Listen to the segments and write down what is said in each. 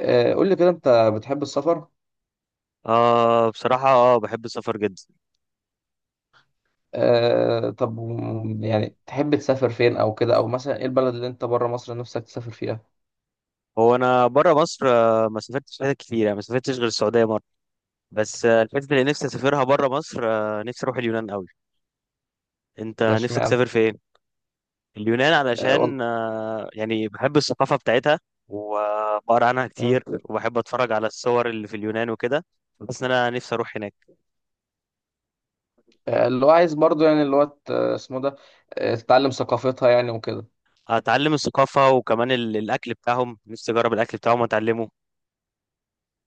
آه، قول لي كده انت بتحب السفر؟ بصراحة بحب السفر جدا. آه، طب يعني تحب تسافر فين او كده، او مثلا ايه البلد اللي انت بره مصر نفسك تسافر فيها؟ هو أنا برا مصر، ما سافرتش حتت كتير، يعني ما سافرتش غير السعودية مرة. بس الحتت اللي نفسي أسافرها برا مصر، نفسي أروح اليونان أوي. أنت ده نفسك اشمعنى؟ تسافر فين؟ اليونان آه، علشان يعني بحب الثقافة بتاعتها، وبقرا عنها مم. كتير، وبحب أتفرج على الصور اللي في اليونان وكده. بس أنا نفسي أروح هناك، آه، اللي هو عايز برضو يعني اسمه ده، آه، تتعلم ثقافتها يعني وكده. أتعلم الثقافة، وكمان الأكل بتاعهم، نفسي أجرب الأكل بتاعهم وأتعلمه.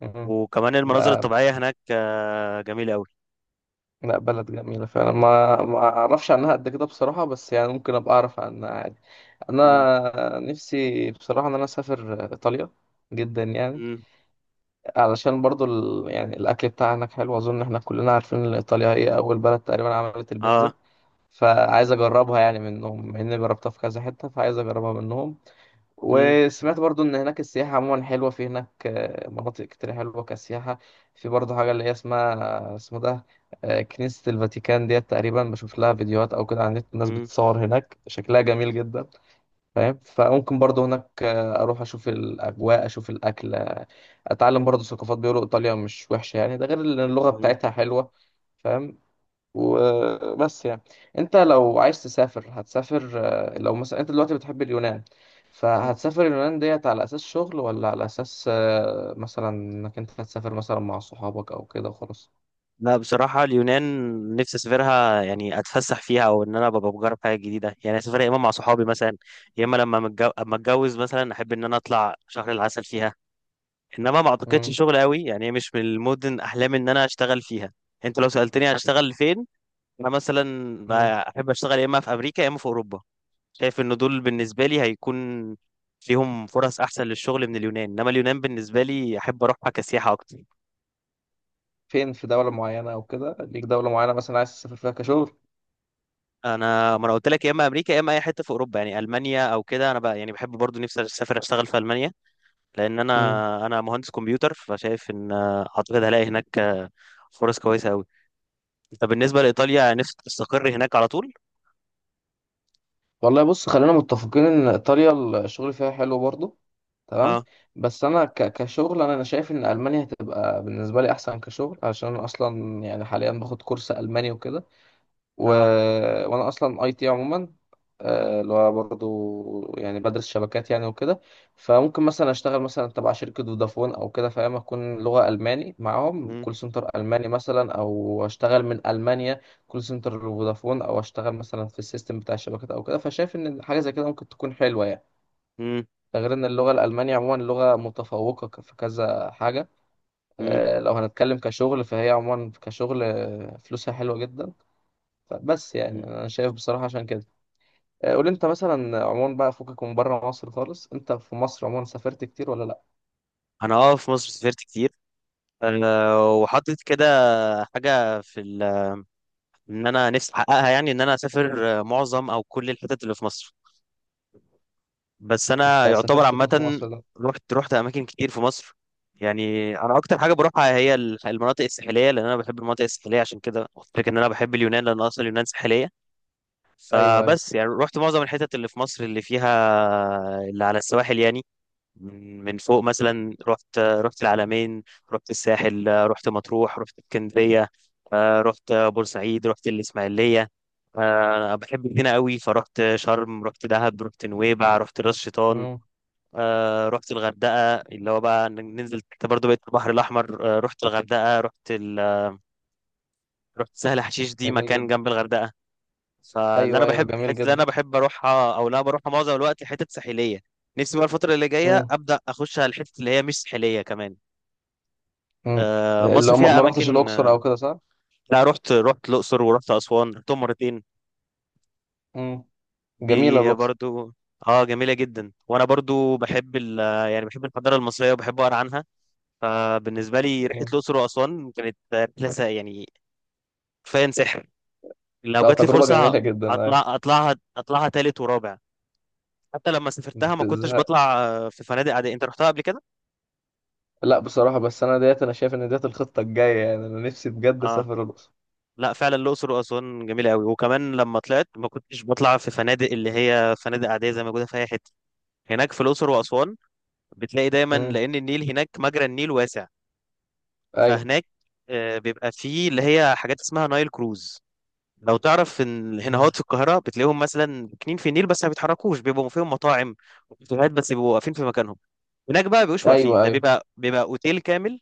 مم. وكمان المناظر ده. الطبيعية هناك جميلة أوي. لا، بلد جميلة فعلا، ما اعرفش عنها قد كده بصراحة، بس يعني ممكن ابقى اعرف عنها عادي. م- انا نفسي بصراحة ان انا اسافر ايطاليا جدا يعني، م- علشان برضو يعني الأكل بتاعها هناك حلو. أظن إحنا كلنا عارفين إن إيطاليا هي أول بلد تقريبا عملت البيتزا، اه. فعايز أجربها يعني منهم، مع إني جربتها في كذا حتة، فعايز أجربها منهم. وسمعت برضو إن هناك السياحة عموما حلوة في هناك، آه، مناطق كتير حلوة كسياحة. في برضو حاجة اللي هي اسمها اسمه ده، آه، كنيسة الفاتيكان ديت، تقريبا بشوف لها فيديوهات أو كده على النت، الناس مم. بتصور هناك شكلها جميل جدا. فاهم؟ فممكن برضو هناك آه، اروح اشوف الاجواء اشوف الاكل، آه، اتعلم برضو ثقافات. بيقولوا ايطاليا مش وحشه يعني، ده غير ان اللغه مم. بتاعتها حلوه. فاهم؟ وبس يعني. انت لو عايز تسافر هتسافر، آه، لو مثلا انت دلوقتي بتحب اليونان، فهتسافر اليونان ديت على اساس شغل ولا على اساس آه، مثلا انك انت هتسافر مثلا مع صحابك او كده وخلاص؟ لا بصراحة اليونان نفسي أسافرها، يعني أتفسح فيها، أو إن أنا ببقى بجرب حاجة جديدة. يعني أسافرها يا إما مع صحابي مثلا، يا إما لما أما أتجوز مثلا، أحب إن أنا أطلع شهر العسل فيها. إنما ما مم، أعتقدش شغل قوي، يعني هي مش من المدن أحلامي إن أنا أشتغل فيها. أنت لو سألتني هشتغل فين، أنا مثلا مم. بقى أحب أشتغل يا إما في أمريكا، يا إما في أوروبا. شايف إن دول بالنسبة لي هيكون فيهم فرص أحسن للشغل من اليونان. إنما اليونان بالنسبة لي أحب أروحها كسياحة أكتر. فين؟ في دوله معينه او كده ليك، دوله معينه مثلا عايز تسافر فيها كشغل؟ انا ما انا قلت لك يا اما امريكا يا اما اي حته في اوروبا، يعني المانيا او كده. انا بقى يعني بحب برضو، نفسي اسافر اشتغل في المانيا، لان انا، انا مهندس كمبيوتر. فشايف ان اعتقد هلاقي هناك فرص كويسه قوي. طب بالنسبه لايطاليا نفسك تستقر هناك على طول؟ والله بص، خلينا متفقين ان ايطاليا الشغل فيها حلو برضه، تمام. اه. بس انا كشغل، انا شايف ان المانيا هتبقى بالنسبه لي احسن كشغل، عشان انا اصلا يعني حاليا باخد كورس الماني وكده. و... اه. وانا اصلا اي تي عموما، آه، اللي هو برضه يعني بدرس شبكات يعني وكده، فممكن مثلا اشتغل مثلا تبع شركة فودافون او كده، فاهم، اكون لغة الماني معاهم مم. كول سنتر الماني مثلا، او اشتغل من المانيا كول سنتر فودافون، او اشتغل مثلا في السيستم بتاع الشبكات او كده، فشايف ان حاجة زي كده ممكن تكون حلوة يعني. مم. ده غير ان اللغة الالمانية عموما لغة متفوقة في كذا حاجة. مم. آه، لو هنتكلم كشغل، فهي عموما كشغل آه، فلوسها حلوة جدا، بس يعني مم. انا شايف بصراحه عشان كده. آه، قول انت مثلا عموما بقى، فكك من بره مصر خالص، انت في مصر عموما سافرت كتير ولا لا؟ انا في مصر سافرت كتير. وحاطط كده حاجه في ان انا نفسي احققها، يعني ان انا اسافر معظم او كل الحتت اللي في مصر. بس انا انت يعتبر سافرت فين في عامه مصر ده؟ رحت اماكن كتير في مصر. يعني انا اكتر حاجه بروحها هي المناطق الساحليه، لان انا بحب المناطق الساحليه. عشان كده قلت لك ان انا بحب اليونان، لان اصلا اليونان ساحليه. ايوه، ايوه. فبس يعني رحت معظم الحتت اللي في مصر اللي فيها اللي على السواحل يعني. من فوق مثلا رحت العلمين، رحت الساحل، رحت مطروح، رحت اسكندريه، رحت بورسعيد، رحت الاسماعيليه. انا بحب هنا قوي. فرحت شرم، رحت دهب، رحت نويبع، رحت راس شيطان. امم. رحت الغردقة، اللي هو بقى ننزل انت برضه بقيت البحر الأحمر. رحت الغردقة، رحت رحت سهل حشيش، دي جميل مكان جدا. جنب الغردقة. فاللي أنا ايوه، ايوه، بحب جميل الحتة اللي جدا. أنا بحب أروحها أو لا بروحها معظم الوقت حتت ساحلية. نفسي بقى الفترة اللي جاية امم. أبدأ أخش على الحتت اللي هي مش ساحلية كمان. امم. آه، مصر لو ما فيها ما رحتش أماكن الاقصر او كده، صح؟ لا رحت، رحت الأقصر ورحت أسوان، رحتهم مرتين. امم. جميله دي الاقصر. برضو اه جميلة جدا. وأنا برضو بحب يعني بحب الحضارة المصرية وبحب أقرأ عنها. فبالنسبة لي رحلة امم. الأقصر وأسوان كانت رحلة يعني كفاية سحر. لو لا، جات لي تجربه فرصة جميله جدا، ايوه. أطلع، أطلعها أطلعها تالت ورابع. حتى لما ما سافرتها ما كنتش تزهقش. بطلع في فنادق عادية. أنت رحتها قبل كده؟ لا بصراحه، بس انا ديت انا شايف ان ديت الخطه الجايه يعني، انا نفسي بجد آه، اسافر الاقصر. لا فعلا الأقصر وأسوان جميلة قوي. وكمان لما طلعت ما كنتش بطلع في فنادق اللي هي فنادق عادية زي ما موجودة في أي حتة. هناك في الأقصر وأسوان بتلاقي دايما، امم. لأن النيل هناك مجرى النيل واسع. ايوه. فهناك بيبقى فيه اللي هي حاجات اسمها نايل كروز. لو تعرف ان مم. الهنهات في القاهره بتلاقيهم مثلا كنين في النيل بس ما بيتحركوش، بيبقوا فيهم مطاعم وكافيهات، بس بيبقوا واقفين في مكانهم. هناك بقى بيبقوش واقفين، ايوه، ده ايوه. بيبقى اوتيل كامل.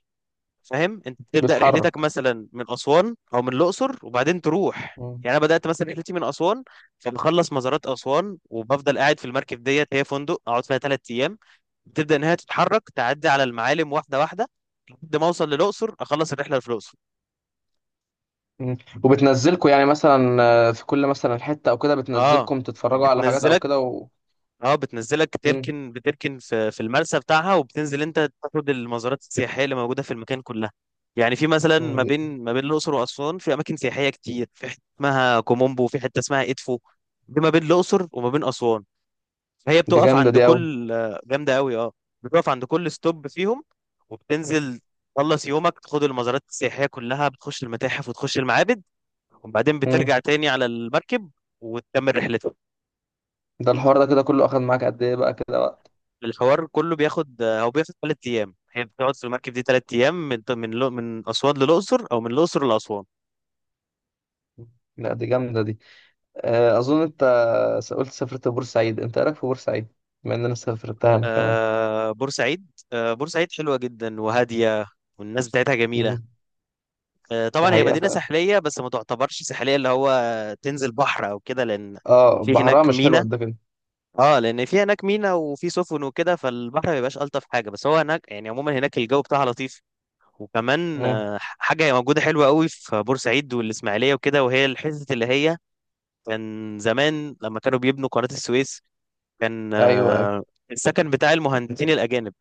فاهم، انت بتبدا رحلتك بتحرك. مثلا من اسوان او من الاقصر، وبعدين تروح. يعني انا بدات مثلا رحلتي من اسوان، فبخلص مزارات اسوان وبفضل قاعد في المركب ديت. هي فندق اقعد فيها 3 ايام. بتبدا ان هي تتحرك تعدي على المعالم واحده واحده لحد ما اوصل للاقصر، اخلص الرحله اللي في الاقصر. مم. وبتنزلكوا يعني مثلا آه، في كل مثلا حتة او كده، اه بتنزلكم تتفرجوا على حاجات او بتنزلك. كده اه بتنزلك مم. تركن، في المرسى بتاعها، وبتنزل انت تاخد المزارات السياحيه اللي موجوده في المكان كلها. يعني في مثلا مم. دي, ما بين الاقصر واسوان في اماكن سياحيه كتير. في حته اسمها كومومبو، وفي حته اسمها ادفو، دي ما بين الاقصر وما بين اسوان. فهي دي بتقف جامدة عند دي قوي. كل جامده قوي اه، بتقف عند كل ستوب فيهم، وبتنزل، تخلص يومك تاخد المزارات السياحيه كلها، بتخش المتاحف وتخش المعابد، وبعدين بترجع تاني على المركب وتكمل رحلتك. ده الحوار ده كده كله اخد معاك قد ايه بقى كده وقت؟ الحوار كله بياخد، هو بياخد ثلاث ايام. هي بتقعد في المركب دي 3 ايام، من اسوان للاقصر، او من الاقصر لاسوان. مم. لا، دي جامدة دي. آه، اظن انت قلت سافرت بورسعيد، انت ايه رايك في بورسعيد، بما ان انا سافرتها انا كمان؟ آه بورسعيد، بورسعيد حلوه جدا وهاديه، والناس بتاعتها جميله. مم. آه، ده طبعا هي حقيقة مدينه فعلا. ساحليه بس ما تعتبرش ساحليه، اللي هو تنزل بحر او كده، لان اه، في بحرها هناك مش حلو مينا. قد كده. اه، لان في هناك مينا وفي سفن وكده، فالبحر ما بيبقاش الطف حاجه. بس هو هناك يعني عموما هناك الجو بتاعها لطيف. وكمان مم. حاجه موجوده حلوه قوي في بورسعيد والاسماعيليه وكده، وهي الحته اللي هي كان زمان لما كانوا بيبنوا قناة السويس، كان ايوه، ايوه. السكن بتاع المهندسين الأجانب،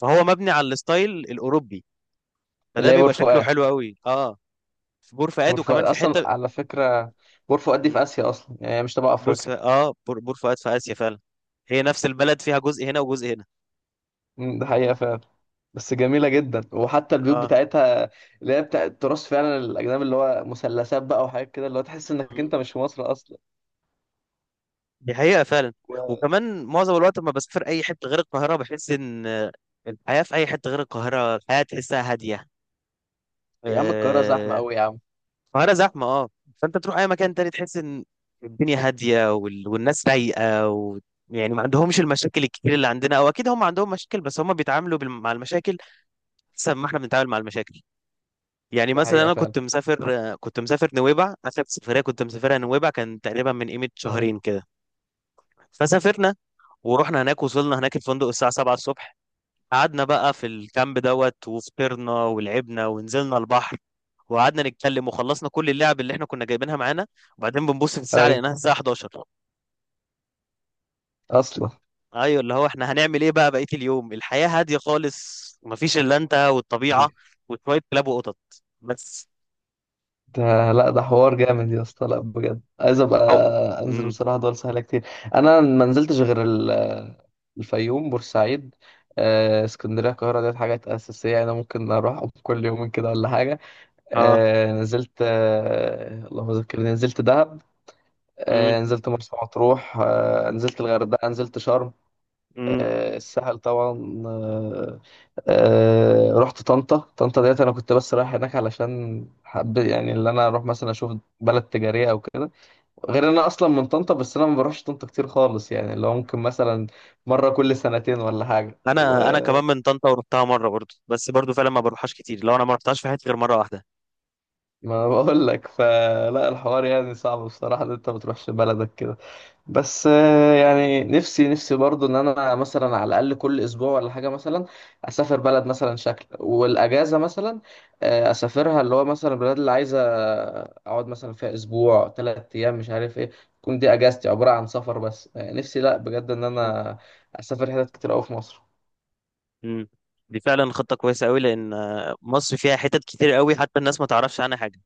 فهو مبني على الستايل الأوروبي، فده اللي هي بور بيبقى شكله فؤاد. حلو قوي اه. في بور بور فؤاد، فؤاد وكمان في اصلا حتة، على فكرة، بور فؤاد دي مم، في اسيا اصلا، يعني هي مش تبع بور س- افريقيا. اه بور, بور فؤاد في آسيا فعلا. هي نفس البلد فيها جزء هنا وجزء هنا. مم. ده حقيقة فعلا. بس جميلة جدا، وحتى البيوت اه. بتاعتها اللي هي بتاع التراث فعلا الأجنبي، اللي هو مثلثات بقى وحاجات كده، اللي هو تحس إنك مم. أنت مش في مصر أصلا. دي حقيقة فعلا. و... وكمان معظم الوقت لما بسافر أي حتة غير القاهرة بحس إن الحياة في أي حتة غير القاهرة، الحياة تحسها هادية. يا عم القاهرة زحمة آه. أوي يا عم. القاهرة زحمة اه. فانت تروح اي مكان تاني تحس ان الدنيا هادية والناس رايقة يعني ما عندهمش المشاكل الكتير اللي عندنا، او اكيد هم عندهم مشاكل بس هم بيتعاملوا مع المشاكل احسن ما احنا بنتعامل مع المشاكل. يعني ده مثلا حقيقة انا فعلا. كنت مسافر نويبع، اخر سفرية كنت مسافرها نويبع كان تقريبا من قيمة مم. شهرين كده. فسافرنا ورحنا هناك، وصلنا هناك الفندق الساعة 7 الصبح. قعدنا بقى في الكامب دوت، وفطرنا ولعبنا ونزلنا البحر وقعدنا نتكلم، وخلصنا كل اللعب اللي احنا كنا جايبينها معانا. وبعدين بنبص في الساعة أيوة. لقيناها الساعة 11. أصلا. ايوه، اللي هو احنا هنعمل ايه بقى بقية اليوم؟ الحياة هادية خالص، مفيش الا انت والطبيعة وشوية كلاب وقطط بس. ده. لا ده حوار جامد يا اسطى، لا بجد عايز أبقى أو... أنزل مم. بصراحة، دول سهلة كتير. أنا ما نزلتش غير الفيوم، بورسعيد، آه، اسكندرية. القاهرة ديت حاجات أساسية أنا ممكن أروح كل يومين كده ولا حاجة. اه. آه نزلت، آه اللهم ذكرني، نزلت دهب، مم. آه نزلت مرسى مطروح، آه نزلت الغردقة، نزلت شرم، مم. آه الساحل طبعا، آه. آه، رحت طنطا. طنطا ديت أنا كنت بس رايح هناك علشان حب يعني اللي أنا أروح مثلا أشوف بلد تجارية أو كده، غير إن أنا أصلا من طنطا، بس أنا ما بروحش طنطا كتير خالص، يعني اللي هو ممكن مثلا مرة كل سنتين ولا حاجة و انا كمان من طنطا ورحتها مرة برضو، بس برضو فعلا ما بروحهاش كتير. لو انا ما رحتهاش في حياتي غير مرة واحدة. ما بقول لك، فلا الحوار يعني صعب بصراحة إن أنت ما تروحش بلدك كده. بس آه، يعني نفسي نفسي برضو ان انا مثلا على الاقل كل اسبوع ولا حاجه مثلا اسافر بلد مثلا شكل والاجازه مثلا، آه، اسافرها، اللي هو مثلا البلاد اللي عايزه اقعد مثلا فيها اسبوع 3 ايام مش عارف ايه، تكون دي اجازتي عباره عن سفر بس، آه، نفسي لا بجد ان مم. انا اسافر حتت كتير قوي في مصر. مم. دي فعلا خطة كويسة قوي، لأن مصر فيها حتت كتير قوي حتى الناس ما تعرفش عنها حاجة.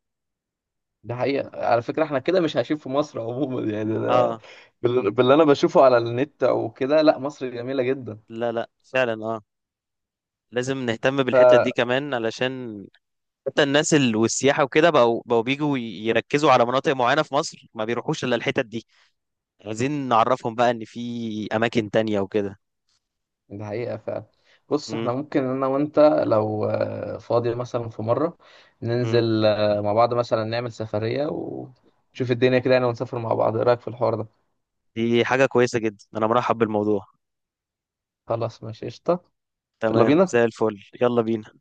ده حقيقه على فكره، احنا كده مش عايشين في مصر عموما يعني ده، اه. باللي انا بشوفه على النت او كده. لا مصر جميله لا لا، فعلا اه، لازم نهتم بالحتت دي جدا. كمان، علشان حتى الناس والسياحة وكده بقوا بيجوا يركزوا على مناطق معينة في مصر، ما بيروحوش إلا الحتت دي. عايزين نعرفهم بقى إن في أماكن تانية وكده. دي حقيقة فعلا. بص، احنا مم. ممكن انا وانت لو آه، فاضي مثلا في مرة مم. ننزل آه، مع بعض مثلا، نعمل سفرية ونشوف الدنيا كده يعني، ونسافر مع بعض، ايه رأيك في الحوار ده؟ دي حاجة كويسة جدا، أنا مرحب بالموضوع. خلاص ماشي قشطة. يلا تمام بينا. زي الفل. يلا بينا.